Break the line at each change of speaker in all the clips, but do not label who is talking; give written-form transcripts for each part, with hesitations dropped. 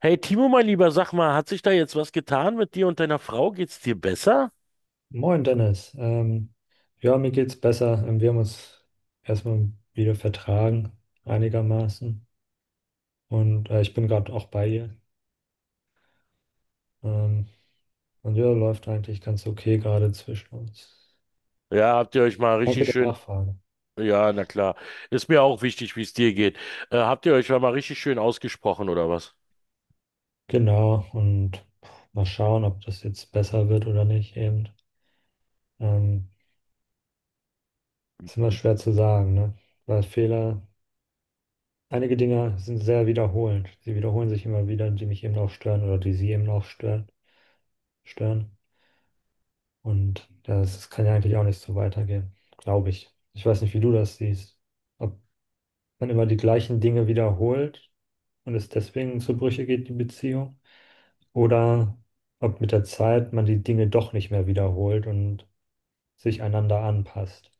Hey Timo, mein Lieber, sag mal, hat sich da jetzt was getan mit dir und deiner Frau? Geht's dir besser?
Moin Dennis. Ja, mir geht's besser. Wir haben uns erstmal wieder vertragen, einigermaßen. Und ich bin gerade auch bei ihr. Ähm, und ja, läuft eigentlich ganz okay gerade zwischen uns.
Ja, habt ihr euch mal
Danke
richtig
der
schön.
Nachfrage.
Ja, na klar. Ist mir auch wichtig, wie es dir geht. Habt ihr euch mal richtig schön ausgesprochen oder was?
Genau, und mal schauen, ob das jetzt besser wird oder nicht eben. Ähm, ist immer schwer zu sagen, ne? Weil Fehler, einige Dinge sind sehr wiederholend. Sie wiederholen sich immer wieder, die mich eben auch stören oder die sie eben auch stören. Und das, kann ja eigentlich auch nicht so weitergehen, glaube ich. Ich weiß nicht, wie du das siehst. Ob man immer die gleichen Dinge wiederholt und es deswegen zu Brüche geht, die Beziehung. Oder ob mit der Zeit man die Dinge doch nicht mehr wiederholt und sich einander anpasst.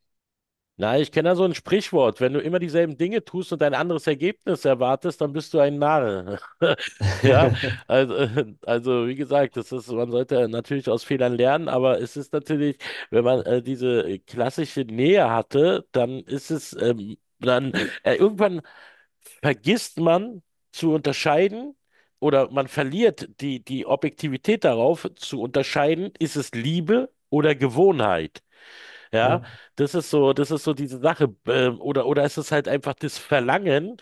Na, ich kenne da so ein Sprichwort. Wenn du immer dieselben Dinge tust und ein anderes Ergebnis erwartest, dann bist du ein Narr. Ja, also wie gesagt, das ist, man sollte natürlich aus Fehlern lernen, aber es ist natürlich, wenn man diese klassische Nähe hatte, dann ist es, dann irgendwann vergisst man zu unterscheiden oder man verliert die Objektivität darauf zu unterscheiden, ist es Liebe oder Gewohnheit. Ja,
Ja,
das ist so diese Sache. Oder ist es ist halt einfach das Verlangen,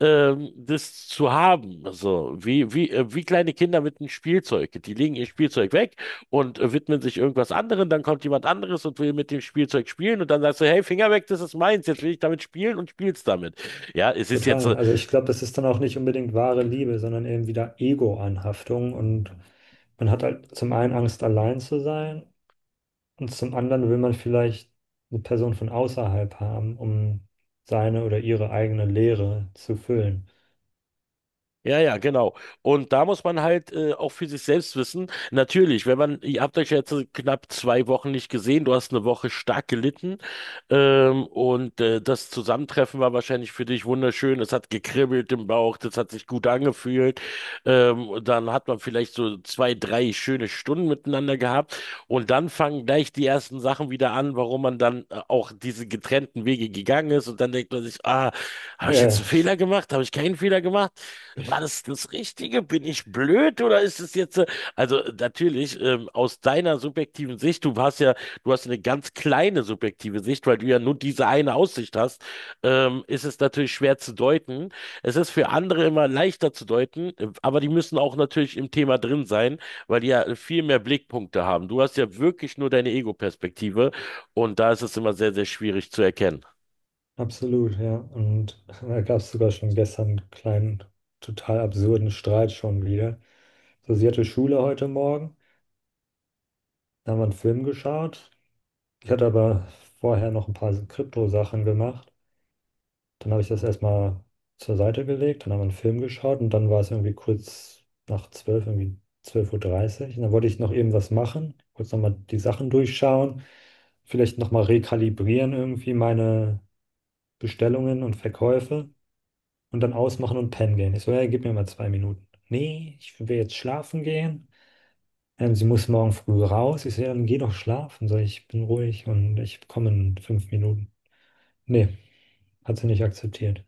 das zu haben. So, wie kleine Kinder mit einem Spielzeug. Die legen ihr Spielzeug weg und widmen sich irgendwas anderem. Dann kommt jemand anderes und will mit dem Spielzeug spielen. Und dann sagst du, hey, Finger weg, das ist meins. Jetzt will ich damit spielen und spielst damit. Ja, es ist jetzt,
total. Also ich glaube, das ist dann auch nicht unbedingt wahre Liebe, sondern eben wieder Ego-Anhaftung. Und man hat halt zum einen Angst, allein zu sein. Und zum anderen will man vielleicht eine Person von außerhalb haben, um seine oder ihre eigene Leere zu füllen.
ja, ja, genau. Und da muss man halt auch für sich selbst wissen, natürlich, wenn man, ihr habt euch ja jetzt so knapp zwei Wochen nicht gesehen, du hast eine Woche stark gelitten das Zusammentreffen war wahrscheinlich für dich wunderschön, es hat gekribbelt im Bauch, das hat sich gut angefühlt, und dann hat man vielleicht so zwei, drei schöne Stunden miteinander gehabt und dann fangen gleich die ersten Sachen wieder an, warum man dann auch diese getrennten Wege gegangen ist und dann denkt man sich, ah, habe ich
Ja,
jetzt
ja,
einen Fehler gemacht, habe ich keinen Fehler gemacht? War das das Richtige? Bin ich blöd oder ist es jetzt, natürlich, aus deiner subjektiven Sicht, du hast ja, du hast eine ganz kleine subjektive Sicht, weil du ja nur diese eine Aussicht hast, ist es natürlich schwer zu deuten. Es ist für andere immer leichter zu deuten, aber die müssen auch natürlich im Thema drin sein, weil die ja viel mehr Blickpunkte haben. Du hast ja wirklich nur deine Ego-Perspektive und da ist es immer sehr, sehr schwierig zu erkennen.
absolut, ja. Und da gab es sogar schon gestern einen kleinen, total absurden Streit schon wieder. So, sie hatte Schule heute Morgen, da haben wir einen Film geschaut. Ich hatte aber vorher noch ein paar Krypto-Sachen gemacht. Dann habe ich das erstmal zur Seite gelegt, dann haben wir einen Film geschaut und dann war es irgendwie kurz nach zwölf, irgendwie 12:30 Uhr. Und dann wollte ich noch eben was machen, kurz nochmal die Sachen durchschauen, vielleicht nochmal rekalibrieren irgendwie meine Bestellungen und Verkäufe und dann ausmachen und pennen gehen. Ich so, ja, gib mir mal 2 Minuten. Nee, ich will jetzt schlafen gehen. Sie muss morgen früh raus. Ich so, ja, dann geh doch schlafen. So, ich bin ruhig und ich komme in 5 Minuten. Nee, hat sie nicht akzeptiert.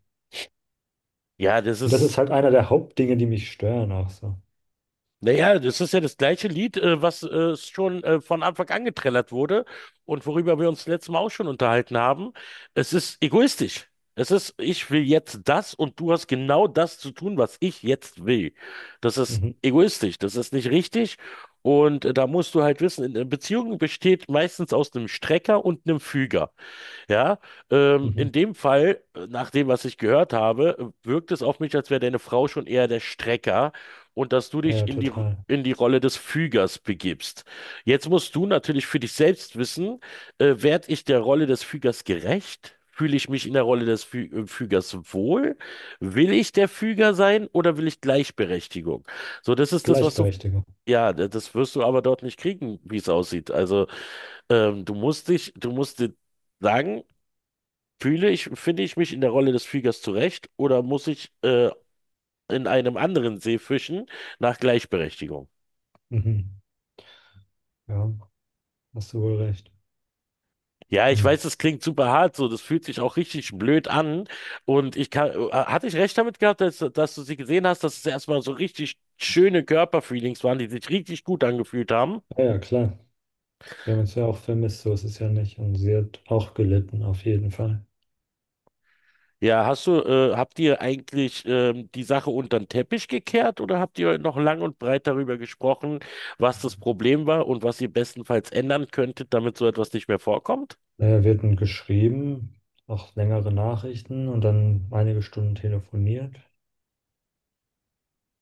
Ja, das
Und das
ist.
ist halt einer der Hauptdinge, die mich stören auch so.
Naja, das ist ja das gleiche Lied, was schon von Anfang an getrellert wurde und worüber wir uns letztes Mal auch schon unterhalten haben. Es ist egoistisch. Es ist, ich will jetzt das und du hast genau das zu tun, was ich jetzt will. Das ist
Mhm.
egoistisch, das ist nicht richtig. Und da musst du halt wissen, eine Beziehung besteht meistens aus einem Strecker und einem Füger. Ja,
Mhm.
in dem Fall, nach dem, was ich gehört habe, wirkt es auf mich, als wäre deine Frau schon eher der Strecker und dass du
Ja,
dich
ja,
in
total.
in die Rolle des Fügers begibst. Jetzt musst du natürlich für dich selbst wissen, werde ich der Rolle des Fügers gerecht? Fühle ich mich in der Rolle des Fü Fügers wohl? Will ich der Füger sein oder will ich Gleichberechtigung? So, das ist das, was du,
Gleichberechtigung.
ja, das wirst du aber dort nicht kriegen, wie es aussieht. Also, du musst dich, du musst dir sagen, fühle ich, finde ich mich in der Rolle des Fliegers zurecht oder muss ich in einem anderen See fischen nach Gleichberechtigung?
Mhm. Ja, hast du wohl recht.
Ja, ich weiß,
Und
das klingt super hart so, das fühlt sich auch richtig blöd an. Und ich kann, hatte ich recht damit gehabt, dass du sie gesehen hast, dass es erstmal so richtig schöne Körperfeelings waren, die sich richtig gut angefühlt haben?
ja, ja, klar, wir haben uns ja auch vermisst, so ist es ja nicht. Und sie hat auch gelitten, auf jeden Fall.
Ja, hast du, habt ihr eigentlich die Sache unter den Teppich gekehrt oder habt ihr noch lang und breit darüber gesprochen, was das Problem war und was ihr bestenfalls ändern könntet, damit so etwas nicht mehr vorkommt?
Naja, wir hatten geschrieben, auch längere Nachrichten und dann einige Stunden telefoniert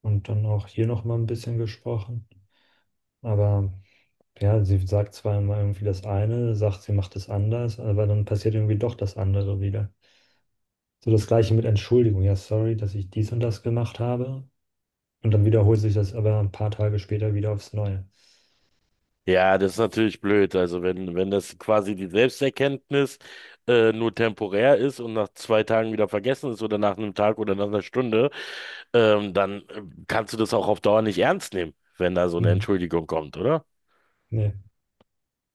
und dann auch hier nochmal ein bisschen gesprochen. Aber ja, sie sagt zwar immer irgendwie das eine, sagt, sie macht es anders, aber dann passiert irgendwie doch das andere wieder. So das Gleiche mit Entschuldigung. Ja, sorry, dass ich dies und das gemacht habe. Und dann wiederholt sich das aber ein paar Tage später wieder aufs Neue.
Ja, das ist natürlich blöd. Also wenn das quasi die Selbsterkenntnis nur temporär ist und nach zwei Tagen wieder vergessen ist oder nach einem Tag oder nach einer Stunde, dann kannst du das auch auf Dauer nicht ernst nehmen, wenn da so eine
Hm,
Entschuldigung kommt, oder?
nee,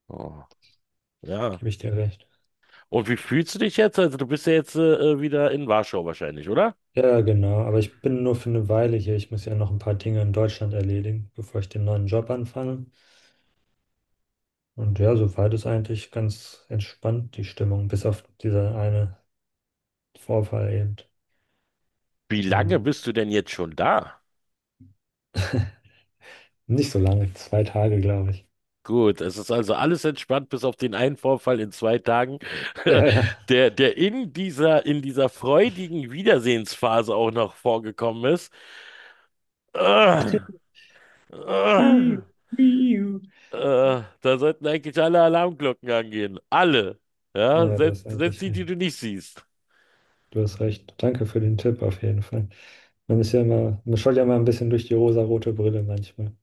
Oh. Ja.
gebe ich dir recht.
Und wie fühlst du dich jetzt? Also du bist ja jetzt wieder in Warschau wahrscheinlich, oder?
Ja, genau. Aber ich bin nur für eine Weile hier. Ich muss ja noch ein paar Dinge in Deutschland erledigen, bevor ich den neuen Job anfange. Und ja, soweit ist eigentlich ganz entspannt die Stimmung, bis auf dieser eine Vorfall eben.
Wie lange
Ähm,
bist du denn jetzt schon da?
nicht so lange, 2 Tage, glaube ich.
Gut, es ist also alles entspannt, bis auf den einen Vorfall in zwei Tagen,
Ja, ja.
der in in dieser freudigen Wiedersehensphase auch noch vorgekommen ist. Äh,
Iu,
äh,
iu.
Da sollten eigentlich alle Alarmglocken angehen. Alle. Ja,
Ja, du hast
selbst
eigentlich
die, die
recht.
du nicht siehst.
Du hast recht. Danke für den Tipp auf jeden Fall. Man ist ja immer, man schaut ja immer ein bisschen durch die rosarote Brille manchmal.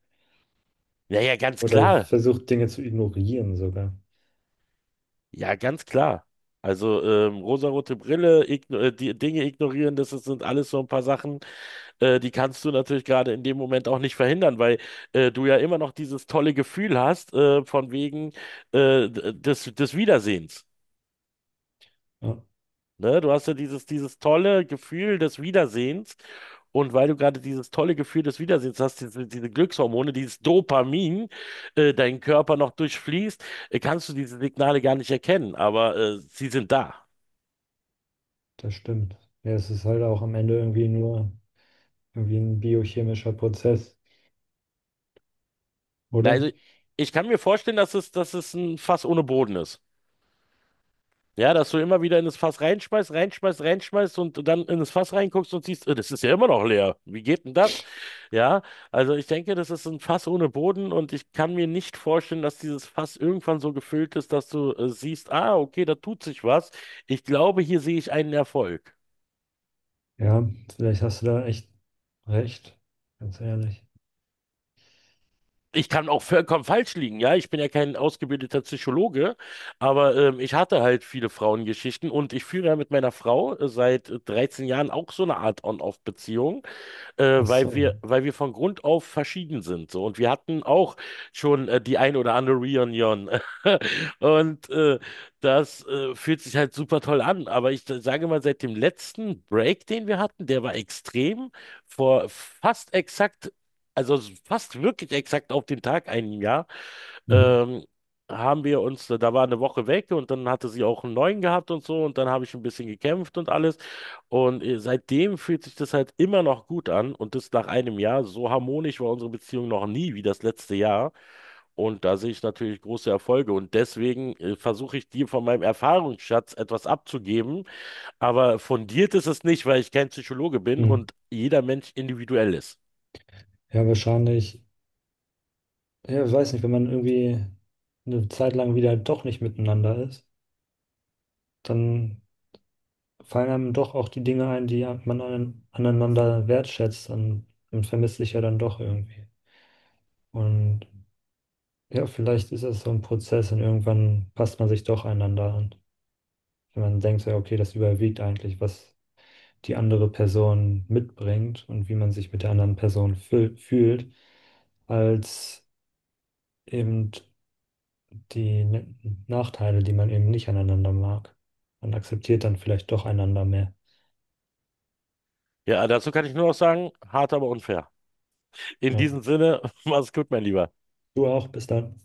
Ja, ja, ganz
Oder
klar.
versucht Dinge zu ignorieren sogar.
Ja, ganz klar. Also rosarote Brille, igno die Dinge ignorieren, das sind alles so ein paar Sachen, die kannst du natürlich gerade in dem Moment auch nicht verhindern, weil du ja immer noch dieses tolle Gefühl hast von wegen des Wiedersehens.
Ja,
Ne? Du hast ja dieses tolle Gefühl des Wiedersehens. Und weil du gerade dieses tolle Gefühl des Wiedersehens hast, diese Glückshormone, dieses Dopamin, deinen Körper noch durchfließt, kannst du diese Signale gar nicht erkennen, aber sie sind da.
das stimmt. Ja, es ist halt auch am Ende irgendwie nur irgendwie ein biochemischer Prozess,
Na,
oder?
also ich kann mir vorstellen, dass es ein Fass ohne Boden ist. Ja, dass du immer wieder in das Fass reinschmeißt und dann in das Fass reinguckst und siehst, das ist ja immer noch leer. Wie geht denn das? Ja, also ich denke, das ist ein Fass ohne Boden und ich kann mir nicht vorstellen, dass dieses Fass irgendwann so gefüllt ist, dass du siehst, ah, okay, da tut sich was. Ich glaube, hier sehe ich einen Erfolg.
Ja, vielleicht hast du da echt recht, ganz ehrlich.
Ich kann auch vollkommen falsch liegen, ja. Ich bin ja kein ausgebildeter Psychologe, aber ich hatte halt viele Frauengeschichten und ich führe ja mit meiner Frau seit 13 Jahren auch so eine Art On-Off-Beziehung.
Ach
Weil
so.
weil wir von Grund auf verschieden sind. So. Und wir hatten auch schon die ein oder andere Reunion. Und das fühlt sich halt super toll an. Aber ich sage mal, seit dem letzten Break, den wir hatten, der war extrem, vor also fast wirklich exakt auf den Tag ein Jahr,
Mhm.
ähm, haben wir uns, da war eine Woche weg und dann hatte sie auch einen neuen gehabt und so und dann habe ich ein bisschen gekämpft und alles. Und seitdem fühlt sich das halt immer noch gut an und das nach einem Jahr. So harmonisch war unsere Beziehung noch nie wie das letzte Jahr. Und da sehe ich natürlich große Erfolge. Und deswegen versuche ich dir von meinem Erfahrungsschatz etwas abzugeben. Aber fundiert ist es nicht, weil ich kein Psychologe bin
Mhm.
und jeder Mensch individuell ist.
Ja, wahrscheinlich. Ja, ich weiß nicht, wenn man irgendwie eine Zeit lang wieder doch nicht miteinander ist, dann fallen einem doch auch die Dinge ein, die ja man an, aneinander wertschätzt und man vermisst sich ja dann doch irgendwie. Und ja, vielleicht ist es so ein Prozess und irgendwann passt man sich doch einander an. Wenn man denkt, so, ja, okay, das überwiegt eigentlich, was die andere Person mitbringt und wie man sich mit der anderen Person fühlt, als eben die Nachteile, die man eben nicht aneinander mag. Man akzeptiert dann vielleicht doch einander mehr.
Ja, dazu kann ich nur noch sagen, hart, aber unfair. In
Ja.
diesem Sinne, mach's gut, mein Lieber.
Du auch, bis dann.